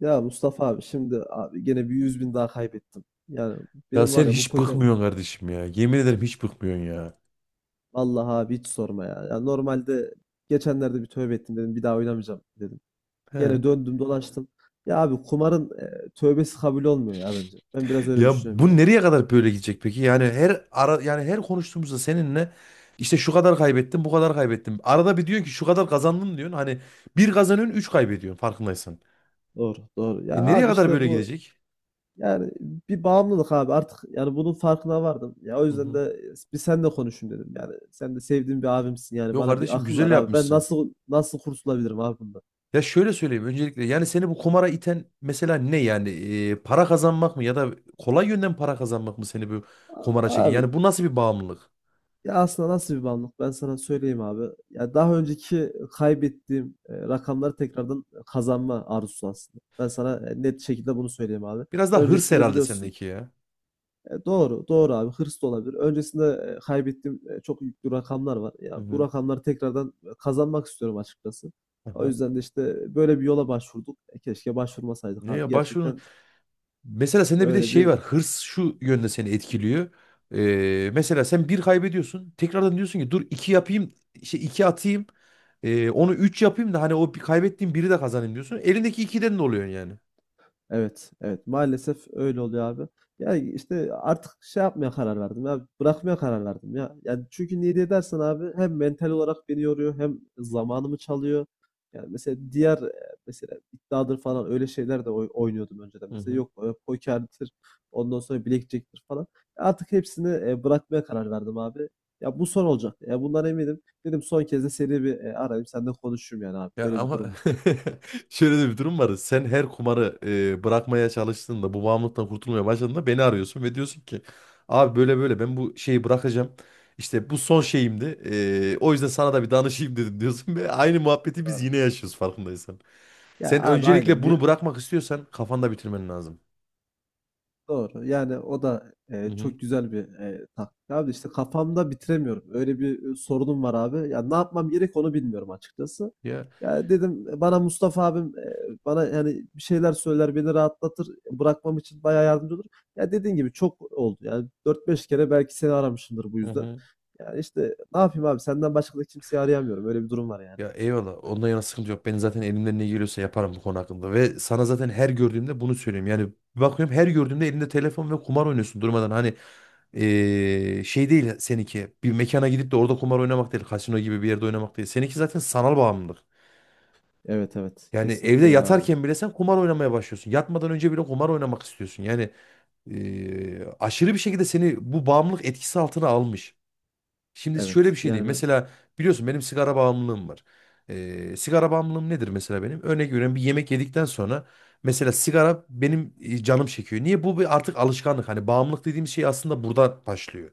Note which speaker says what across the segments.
Speaker 1: Ya Mustafa abi, şimdi abi gene bir 100.000 daha kaybettim. Yani
Speaker 2: Ya
Speaker 1: benim
Speaker 2: sen
Speaker 1: var ya, bu
Speaker 2: hiç
Speaker 1: poker.
Speaker 2: bıkmıyorsun kardeşim ya. Yemin ederim hiç bıkmıyorsun ya.
Speaker 1: Allah abi, hiç sorma ya. Ya normalde geçenlerde bir tövbe ettim, dedim bir daha oynamayacağım dedim. Gene
Speaker 2: He.
Speaker 1: döndüm dolaştım. Ya abi kumarın tövbesi kabul olmuyor ya bence. Ben biraz öyle
Speaker 2: Ya
Speaker 1: düşünüyorum
Speaker 2: bu
Speaker 1: yani.
Speaker 2: nereye kadar böyle gidecek peki? Yani her ara yani her konuştuğumuzda seninle işte şu kadar kaybettim, bu kadar kaybettim. Arada bir diyorsun ki şu kadar kazandın diyorsun. Hani bir kazanıyorsun, üç kaybediyorsun farkındaysan.
Speaker 1: Doğru doğru. Ya
Speaker 2: E nereye
Speaker 1: abi
Speaker 2: kadar
Speaker 1: işte
Speaker 2: böyle
Speaker 1: bu,
Speaker 2: gidecek?
Speaker 1: yani bir bağımlılık abi artık, yani bunun farkına vardım. Ya o
Speaker 2: Hı
Speaker 1: yüzden de
Speaker 2: hı.
Speaker 1: bir senle konuşayım dedim. Yani sen de sevdiğim bir abimsin, yani
Speaker 2: Yok
Speaker 1: bana bir
Speaker 2: kardeşim
Speaker 1: akıl ver
Speaker 2: güzel
Speaker 1: abi. Ben
Speaker 2: yapmışsın.
Speaker 1: nasıl kurtulabilirim abi bundan?
Speaker 2: Ya şöyle söyleyeyim öncelikle yani seni bu kumara iten mesela ne yani? Para kazanmak mı ya da kolay yönden para kazanmak mı seni bu
Speaker 1: A-
Speaker 2: kumara çeken?
Speaker 1: Abi
Speaker 2: Yani bu nasıl bir bağımlılık?
Speaker 1: Ya aslında nasıl bir bağımlılık? Ben sana söyleyeyim abi. Ya daha önceki kaybettiğim rakamları tekrardan kazanma arzusu aslında. Ben sana net şekilde bunu söyleyeyim abi.
Speaker 2: Biraz daha hırs
Speaker 1: Öncesinde
Speaker 2: herhalde
Speaker 1: biliyorsun.
Speaker 2: sendeki ya.
Speaker 1: Doğru, doğru abi. Hırs da olabilir. Öncesinde kaybettiğim çok yüklü rakamlar var.
Speaker 2: Hı
Speaker 1: Ya bu
Speaker 2: hı.
Speaker 1: rakamları tekrardan kazanmak istiyorum açıkçası. O
Speaker 2: Aha.
Speaker 1: yüzden de işte böyle bir yola başvurduk. Keşke başvurmasaydık
Speaker 2: Ne
Speaker 1: abi.
Speaker 2: ya başvurun.
Speaker 1: Gerçekten
Speaker 2: Mesela sende bir de
Speaker 1: öyle
Speaker 2: şey
Speaker 1: bir.
Speaker 2: var. Hırs şu yönde seni etkiliyor. Mesela sen bir kaybediyorsun. Tekrardan diyorsun ki dur iki yapayım. Şey iki atayım. Onu üç yapayım da hani o bir kaybettiğim biri de kazanayım diyorsun. Elindeki ikiden de oluyorsun yani.
Speaker 1: Evet, evet. Maalesef öyle oluyor abi. Ya işte artık şey yapmaya karar verdim ya. Bırakmaya karar verdim ya. Yani çünkü niye diye dersen abi, hem mental olarak beni yoruyor, hem zamanımı çalıyor. Yani mesela diğer mesela iddiadır falan öyle şeyler de oynuyordum önceden.
Speaker 2: Hı
Speaker 1: Mesela
Speaker 2: hı.
Speaker 1: yok pokerdir, ondan sonra blackjack'tir falan. Artık hepsini bırakmaya karar verdim abi. Ya bu son olacak. Ya bundan eminim. Dedim son kez de seni bir arayayım, senden konuşayım yani abi.
Speaker 2: Ya
Speaker 1: Böyle bir
Speaker 2: ama
Speaker 1: durum var.
Speaker 2: şöyle de bir durum var. Sen her kumarı bırakmaya çalıştığında, bu bağımlılıktan kurtulmaya başladığında beni arıyorsun ve diyorsun ki abi böyle böyle ben bu şeyi bırakacağım. İşte bu son şeyimdi. E, o yüzden sana da bir danışayım dedim diyorsun ve aynı muhabbeti biz
Speaker 1: Abi,
Speaker 2: yine yaşıyoruz farkındaysan.
Speaker 1: ya
Speaker 2: Sen
Speaker 1: abi aynen.
Speaker 2: öncelikle bunu bırakmak istiyorsan kafanda bitirmen lazım.
Speaker 1: Doğru. Yani o da,
Speaker 2: Hı hı.
Speaker 1: çok güzel bir, taktik abi. İşte kafamda bitiremiyorum. Öyle bir, sorunum var abi. Ya, ne yapmam gerek onu bilmiyorum açıkçası.
Speaker 2: Ya.
Speaker 1: Ya, dedim, bana Mustafa abim, bana, yani, bir şeyler söyler, beni rahatlatır, bırakmam için bayağı yardımcı olur. Ya, dediğin gibi çok oldu. Yani, 4-5 kere belki seni aramışımdır bu
Speaker 2: Hı
Speaker 1: yüzden.
Speaker 2: hı.
Speaker 1: Yani, işte, ne yapayım abi? Senden başka da kimseyi arayamıyorum. Öyle bir durum var yani.
Speaker 2: Ya eyvallah. Ondan yana sıkıntı yok. Ben zaten elimden ne geliyorsa yaparım bu konu hakkında. Ve sana zaten her gördüğümde bunu söylüyorum. Yani bir bakıyorum her gördüğümde elinde telefon ve kumar oynuyorsun durmadan. Hani şey değil seninki. Bir mekana gidip de orada kumar oynamak değil. Kasino gibi bir yerde oynamak değil. Seninki zaten sanal bağımlılık.
Speaker 1: Evet, evet.
Speaker 2: Yani evde
Speaker 1: Kesinlikle öyle abi.
Speaker 2: yatarken bile sen kumar oynamaya başlıyorsun. Yatmadan önce bile kumar oynamak istiyorsun. Yani aşırı bir şekilde seni bu bağımlılık etkisi altına almış. Şimdi şöyle bir
Speaker 1: Evet.
Speaker 2: şey diyeyim.
Speaker 1: Yani.
Speaker 2: Mesela biliyorsun benim sigara bağımlılığım var. Sigara bağımlılığım nedir mesela benim? Örnek veriyorum, bir yemek yedikten sonra mesela sigara benim canım çekiyor. Niye? Bu bir artık alışkanlık. Hani bağımlılık dediğimiz şey aslında burada başlıyor.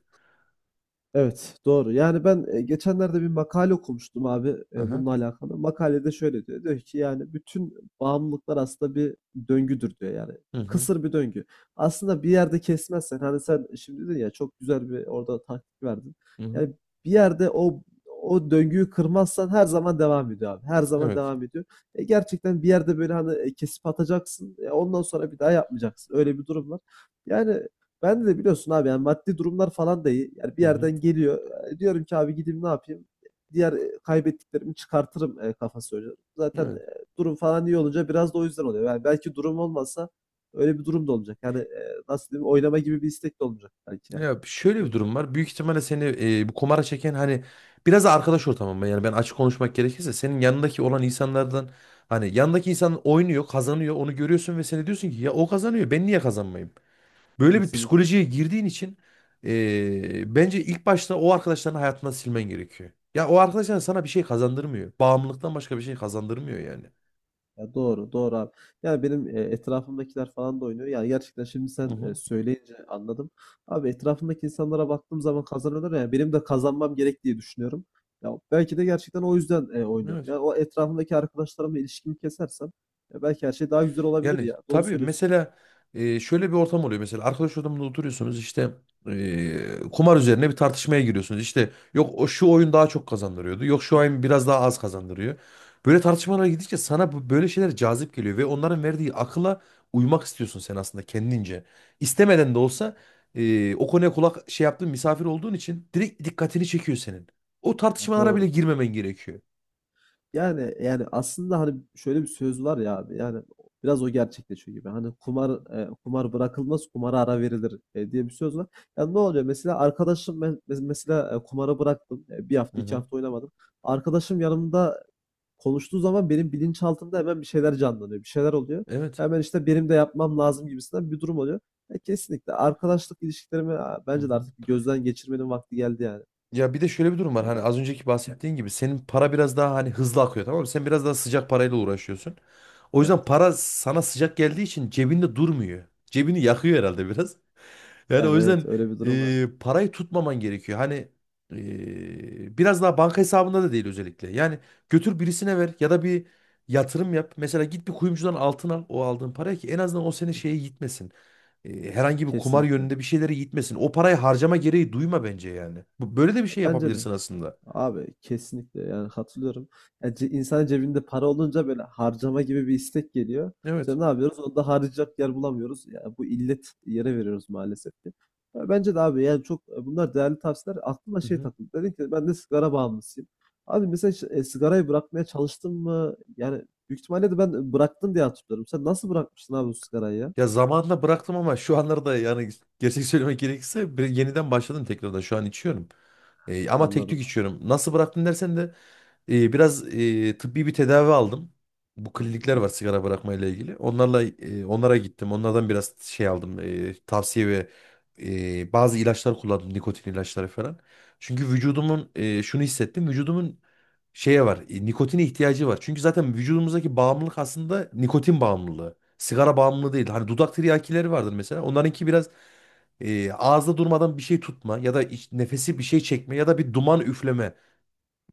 Speaker 1: Evet, doğru. Yani ben geçenlerde bir makale okumuştum abi
Speaker 2: Aha.
Speaker 1: bununla alakalı. Makalede şöyle diyor. Diyor ki yani bütün bağımlılıklar aslında bir döngüdür diyor yani.
Speaker 2: Hı hı.
Speaker 1: Kısır bir döngü. Aslında bir yerde kesmezsen hani sen şimdi dedin ya, çok güzel bir orada taktik verdin.
Speaker 2: Hı hı.
Speaker 1: Yani bir yerde o döngüyü kırmazsan her zaman devam ediyor abi. Her zaman
Speaker 2: Evet.
Speaker 1: devam ediyor. Gerçekten bir yerde böyle hani kesip atacaksın. Ondan sonra bir daha yapmayacaksın. Öyle bir durum var. Yani ben de biliyorsun abi, yani maddi durumlar falan da iyi. Yani bir
Speaker 2: Hı hı.
Speaker 1: yerden geliyor. Diyorum ki abi gideyim ne yapayım? Diğer kaybettiklerimi çıkartırım kafası oynuyor. Zaten
Speaker 2: Evet.
Speaker 1: durum falan iyi olunca biraz da o yüzden oluyor. Yani belki durum olmasa öyle bir durum da olacak. Yani nasıl diyeyim, oynama gibi bir istek de olmayacak belki yani.
Speaker 2: Ya şöyle bir
Speaker 1: Öyle.
Speaker 2: durum var. Büyük ihtimalle seni bu kumara çeken hani biraz da arkadaş ortamı. Yani ben açık konuşmak gerekirse senin yanındaki olan insanlardan hani yanındaki insan oynuyor, kazanıyor, onu görüyorsun ve sen de diyorsun ki ya o kazanıyor, ben niye kazanmayayım? Böyle bir
Speaker 1: Kesinlikle.
Speaker 2: psikolojiye girdiğin için bence ilk başta o arkadaşlarını hayatından silmen gerekiyor. Ya o arkadaşlar sana bir şey kazandırmıyor. Bağımlılıktan başka bir şey kazandırmıyor yani.
Speaker 1: Ya doğru, doğru abi. Yani benim etrafımdakiler falan da oynuyor. Yani gerçekten şimdi
Speaker 2: Hı
Speaker 1: sen
Speaker 2: hı.
Speaker 1: söyleyince anladım. Abi etrafımdaki insanlara baktığım zaman kazanıyorlar ya. Benim de kazanmam gerek diye düşünüyorum. Ya belki de gerçekten o yüzden oynuyorum.
Speaker 2: Evet.
Speaker 1: Yani o etrafımdaki arkadaşlarımla ilişkimi kesersem ya belki her şey daha güzel olabilir
Speaker 2: Yani
Speaker 1: ya. Doğru
Speaker 2: tabii
Speaker 1: söylüyorsun.
Speaker 2: mesela şöyle bir ortam oluyor. Mesela arkadaş ortamında oturuyorsunuz işte kumar üzerine bir tartışmaya giriyorsunuz. İşte yok o şu oyun daha çok kazandırıyordu. Yok şu oyun biraz daha az kazandırıyor. Böyle tartışmalara gidince sana böyle şeyler cazip geliyor ve onların verdiği akıla uymak istiyorsun sen aslında kendince. İstemeden de olsa o konuya kulak şey yaptığın misafir olduğun için direkt dikkatini çekiyor senin. O
Speaker 1: Ya
Speaker 2: tartışmalara bile
Speaker 1: doğru.
Speaker 2: girmemen gerekiyor.
Speaker 1: Yani aslında hani şöyle bir söz var ya abi, yani biraz o gerçekleşiyor gibi. Hani kumar kumar bırakılmaz, kumara ara verilir diye bir söz var. Yani ne oluyor mesela arkadaşım, ben mesela kumarı bıraktım. E, bir
Speaker 2: Hı
Speaker 1: hafta iki
Speaker 2: hı.
Speaker 1: hafta oynamadım. Arkadaşım yanımda konuştuğu zaman benim bilinçaltımda hemen bir şeyler canlanıyor, bir şeyler oluyor.
Speaker 2: Evet.
Speaker 1: Hemen işte benim de yapmam lazım gibisinden bir durum oluyor. Kesinlikle arkadaşlık ilişkilerimi bence de artık bir gözden geçirmenin vakti geldi yani.
Speaker 2: Ya bir de şöyle bir durum var.
Speaker 1: Öyle,
Speaker 2: Hani
Speaker 1: değil mi?
Speaker 2: az önceki bahsettiğin gibi senin para biraz daha hani hızlı akıyor, tamam mı? Sen biraz daha sıcak parayla uğraşıyorsun. O
Speaker 1: Evet.
Speaker 2: yüzden para sana sıcak geldiği için cebinde durmuyor. Cebini yakıyor herhalde biraz. Yani o
Speaker 1: Yani evet,
Speaker 2: yüzden
Speaker 1: öyle bir durum var.
Speaker 2: parayı tutmaman gerekiyor. Hani biraz daha banka hesabında da değil özellikle. Yani götür birisine ver ya da bir yatırım yap. Mesela git bir kuyumcudan altın al o aldığın parayı ki en azından o seni şeye gitmesin. E, herhangi bir kumar
Speaker 1: Kesinlikle.
Speaker 2: yönünde bir şeylere gitmesin. O parayı harcama gereği duyma bence yani. Böyle de bir şey
Speaker 1: Bence de.
Speaker 2: yapabilirsin aslında.
Speaker 1: Abi kesinlikle, yani katılıyorum. Yani insan cebinde para olunca böyle harcama gibi bir istek geliyor.
Speaker 2: Evet.
Speaker 1: İşte ne yapıyoruz? Onu da harcayacak yer bulamıyoruz. Yani bu illet yere veriyoruz maalesef ki. Ya bence de abi, yani çok bunlar değerli tavsiyeler. Aklıma
Speaker 2: Hı
Speaker 1: şey
Speaker 2: hı.
Speaker 1: takıldı. Dedin ki ben de sigara bağımlısıyım. Abi mesela hiç, sigarayı bırakmaya çalıştın mı? Yani büyük ihtimalle de ben bıraktım diye hatırlıyorum. Sen nasıl bırakmıştın abi bu sigarayı ya?
Speaker 2: Ya zamanında bıraktım ama şu anlarda yani gerçek söylemek gerekirse yeniden başladım tekrardan. Şu an içiyorum. E, ama tek tük
Speaker 1: Anladım abi.
Speaker 2: içiyorum. Nasıl bıraktın dersen de biraz tıbbi bir tedavi aldım. Bu
Speaker 1: Çok
Speaker 2: klinikler
Speaker 1: iyi.
Speaker 2: var sigara bırakmayla ilgili. Onlarla onlara gittim. Onlardan biraz şey aldım. Tavsiye ve bazı ilaçlar kullandım. Nikotin ilaçları falan. Çünkü vücudumun şunu hissettim. Vücudumun şeye var. Nikotine ihtiyacı var. Çünkü zaten vücudumuzdaki bağımlılık aslında nikotin bağımlılığı. Sigara bağımlılığı değil. Hani dudak tiryakileri vardır mesela. Onlarınki biraz ağızda durmadan bir şey tutma ya da nefesi bir şey çekme ya da bir duman üfleme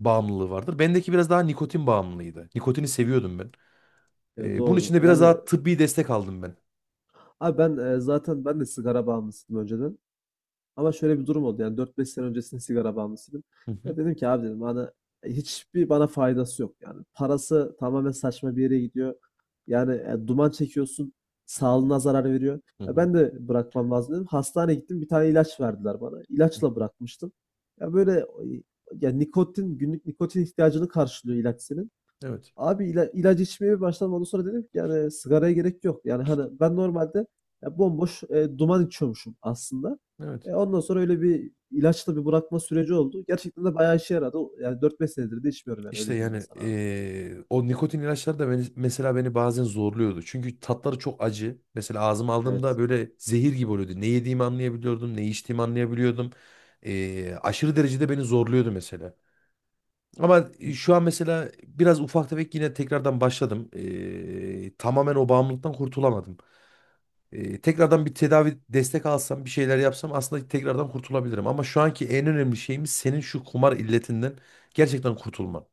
Speaker 2: bağımlılığı vardır. Bendeki biraz daha nikotin bağımlılığıydı. Nikotini seviyordum ben.
Speaker 1: Ya
Speaker 2: Bunun için
Speaker 1: doğru.
Speaker 2: de biraz
Speaker 1: Yani
Speaker 2: daha tıbbi destek aldım ben.
Speaker 1: abi ben zaten ben de sigara bağımlısıydım önceden. Ama şöyle bir durum oldu, yani 4-5 sene öncesinde sigara bağımlısıydım.
Speaker 2: Hı
Speaker 1: Ya
Speaker 2: hı,
Speaker 1: dedim ki abi, dedim bana hiçbir bana faydası yok yani. Parası tamamen saçma bir yere gidiyor. Yani duman çekiyorsun, sağlığına zarar veriyor.
Speaker 2: hı
Speaker 1: Ya
Speaker 2: hı,
Speaker 1: ben de bırakmam lazım dedim. Hastaneye gittim, bir tane ilaç verdiler bana.
Speaker 2: hı
Speaker 1: İlaçla
Speaker 2: hı.
Speaker 1: bırakmıştım. Ya böyle ya nikotin, günlük nikotin ihtiyacını karşılıyor ilaç senin.
Speaker 2: Evet,
Speaker 1: Abi ilaç içmeye başlamadan sonra dedim ki yani sigaraya gerek yok. Yani hani ben normalde ya bomboş duman içiyormuşum aslında.
Speaker 2: evet.
Speaker 1: Ondan sonra öyle bir ilaçla bir bırakma süreci oldu. Gerçekten de bayağı işe yaradı. Yani 4-5 senedir de içmiyorum, yani
Speaker 2: İşte
Speaker 1: öyle diyeyim ben
Speaker 2: yani
Speaker 1: sana abi.
Speaker 2: o nikotin ilaçları da beni, mesela beni bazen zorluyordu. Çünkü tatları çok acı. Mesela ağzıma aldığımda
Speaker 1: Evet.
Speaker 2: böyle zehir gibi oluyordu. Ne yediğimi anlayabiliyordum, ne içtiğimi anlayabiliyordum. Aşırı derecede beni zorluyordu mesela. Ama şu
Speaker 1: Kesin.
Speaker 2: an mesela biraz ufak tefek yine tekrardan başladım. Tamamen o bağımlılıktan kurtulamadım. Tekrardan bir tedavi destek alsam bir şeyler yapsam aslında tekrardan kurtulabilirim. Ama şu anki en önemli şeyimiz senin şu kumar illetinden gerçekten kurtulman.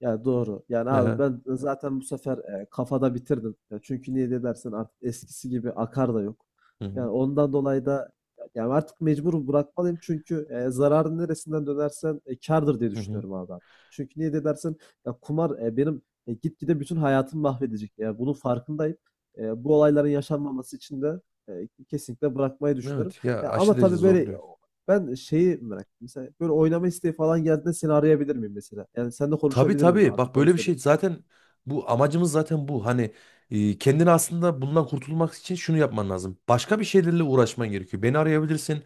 Speaker 1: Ya doğru. Yani abi
Speaker 2: Aha.
Speaker 1: ben zaten bu sefer kafada bitirdim. Ya çünkü niye de dersen artık eskisi gibi akar da yok.
Speaker 2: Hı hı.
Speaker 1: Yani ondan dolayı da yani artık mecbur bırakmalıyım çünkü zararın neresinden dönersen kârdır diye
Speaker 2: Hı hı.
Speaker 1: düşünüyorum abi, ben. Çünkü niye de dersen ya kumar benim gitgide bütün hayatımı mahvedecek. Yani bunun farkındayım. Bu olayların yaşanmaması için de kesinlikle bırakmayı düşünüyorum.
Speaker 2: Evet ya
Speaker 1: Ya ama
Speaker 2: aşırı derece
Speaker 1: tabii böyle
Speaker 2: zorluyor.
Speaker 1: ben şeyi merak ettim. Mesela böyle oynama isteği falan geldiğinde seni arayabilir miyim mesela? Yani seninle
Speaker 2: Tabii
Speaker 1: konuşabilir miyim
Speaker 2: tabii,
Speaker 1: abi?
Speaker 2: bak
Speaker 1: Onu
Speaker 2: böyle bir şey
Speaker 1: söyleyeyim.
Speaker 2: zaten bu amacımız zaten bu. Hani kendini aslında bundan kurtulmak için şunu yapman lazım. Başka bir şeylerle uğraşman gerekiyor. Beni arayabilirsin.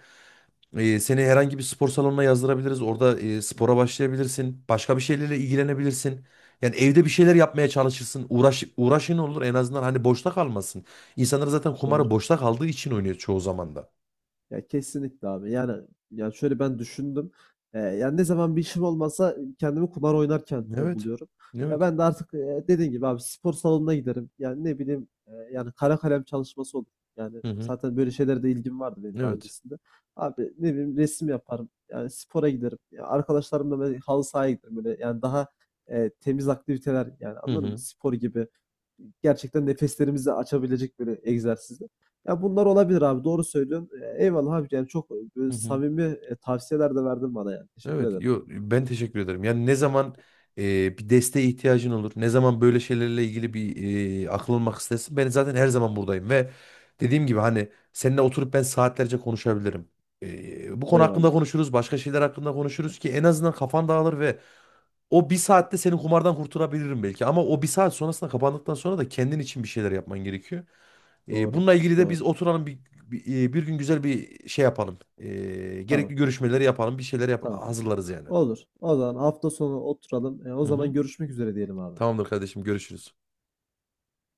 Speaker 2: E, seni herhangi bir spor salonuna yazdırabiliriz. Orada spora başlayabilirsin. Başka bir şeylerle ilgilenebilirsin. Yani evde bir şeyler yapmaya çalışırsın. Uğraş, uğraşın olur en azından hani boşta kalmasın. İnsanlar zaten kumarı
Speaker 1: Doğru.
Speaker 2: boşta kaldığı için oynuyor çoğu zaman da.
Speaker 1: Ya kesinlikle abi. Yani şöyle ben düşündüm. Yani ne zaman bir işim olmasa kendimi kumar oynarken
Speaker 2: Evet.
Speaker 1: buluyorum. Ya
Speaker 2: Evet.
Speaker 1: ben de artık dediğin gibi abi spor salonuna giderim. Yani ne bileyim yani kara kalem çalışması olur. Yani
Speaker 2: Hı hı.
Speaker 1: zaten böyle şeylere de ilgim vardı benim daha
Speaker 2: Evet.
Speaker 1: öncesinde. Abi ne bileyim, resim yaparım. Yani spora giderim. Ya arkadaşlarımla böyle halı sahaya giderim. Böyle yani daha temiz aktiviteler, yani
Speaker 2: Hı
Speaker 1: anladın mı?
Speaker 2: hı.
Speaker 1: Spor gibi gerçekten nefeslerimizi açabilecek böyle egzersizler. Ya bunlar olabilir abi, doğru söylüyorsun. Eyvallah abi, yani çok
Speaker 2: Hı
Speaker 1: böyle
Speaker 2: hı.
Speaker 1: samimi tavsiyeler de verdin bana yani. Teşekkür
Speaker 2: Evet,
Speaker 1: ederim.
Speaker 2: yo, ben teşekkür ederim. Yani ne zaman bir desteğe ihtiyacın olur, ne zaman böyle şeylerle ilgili bir akıl almak istersin, ben zaten her zaman buradayım ve dediğim gibi hani seninle oturup ben saatlerce konuşabilirim. E, bu konu hakkında
Speaker 1: Eyvallah.
Speaker 2: konuşuruz, başka şeyler hakkında
Speaker 1: Evet,
Speaker 2: konuşuruz ki en azından kafan dağılır ve o bir saatte seni kumardan kurtarabilirim belki. Ama o bir saat sonrasında kapandıktan sonra da kendin için bir şeyler yapman gerekiyor. E,
Speaker 1: doğru.
Speaker 2: bununla ilgili de biz
Speaker 1: Doğru.
Speaker 2: oturalım bir gün güzel bir şey yapalım. E,
Speaker 1: Tamam.
Speaker 2: gerekli görüşmeleri yapalım, bir şeyler
Speaker 1: Tamam.
Speaker 2: hazırlarız yani.
Speaker 1: Olur. O zaman hafta sonu oturalım. O
Speaker 2: Hı
Speaker 1: zaman
Speaker 2: hı.
Speaker 1: görüşmek üzere diyelim abi.
Speaker 2: Tamamdır kardeşim, görüşürüz.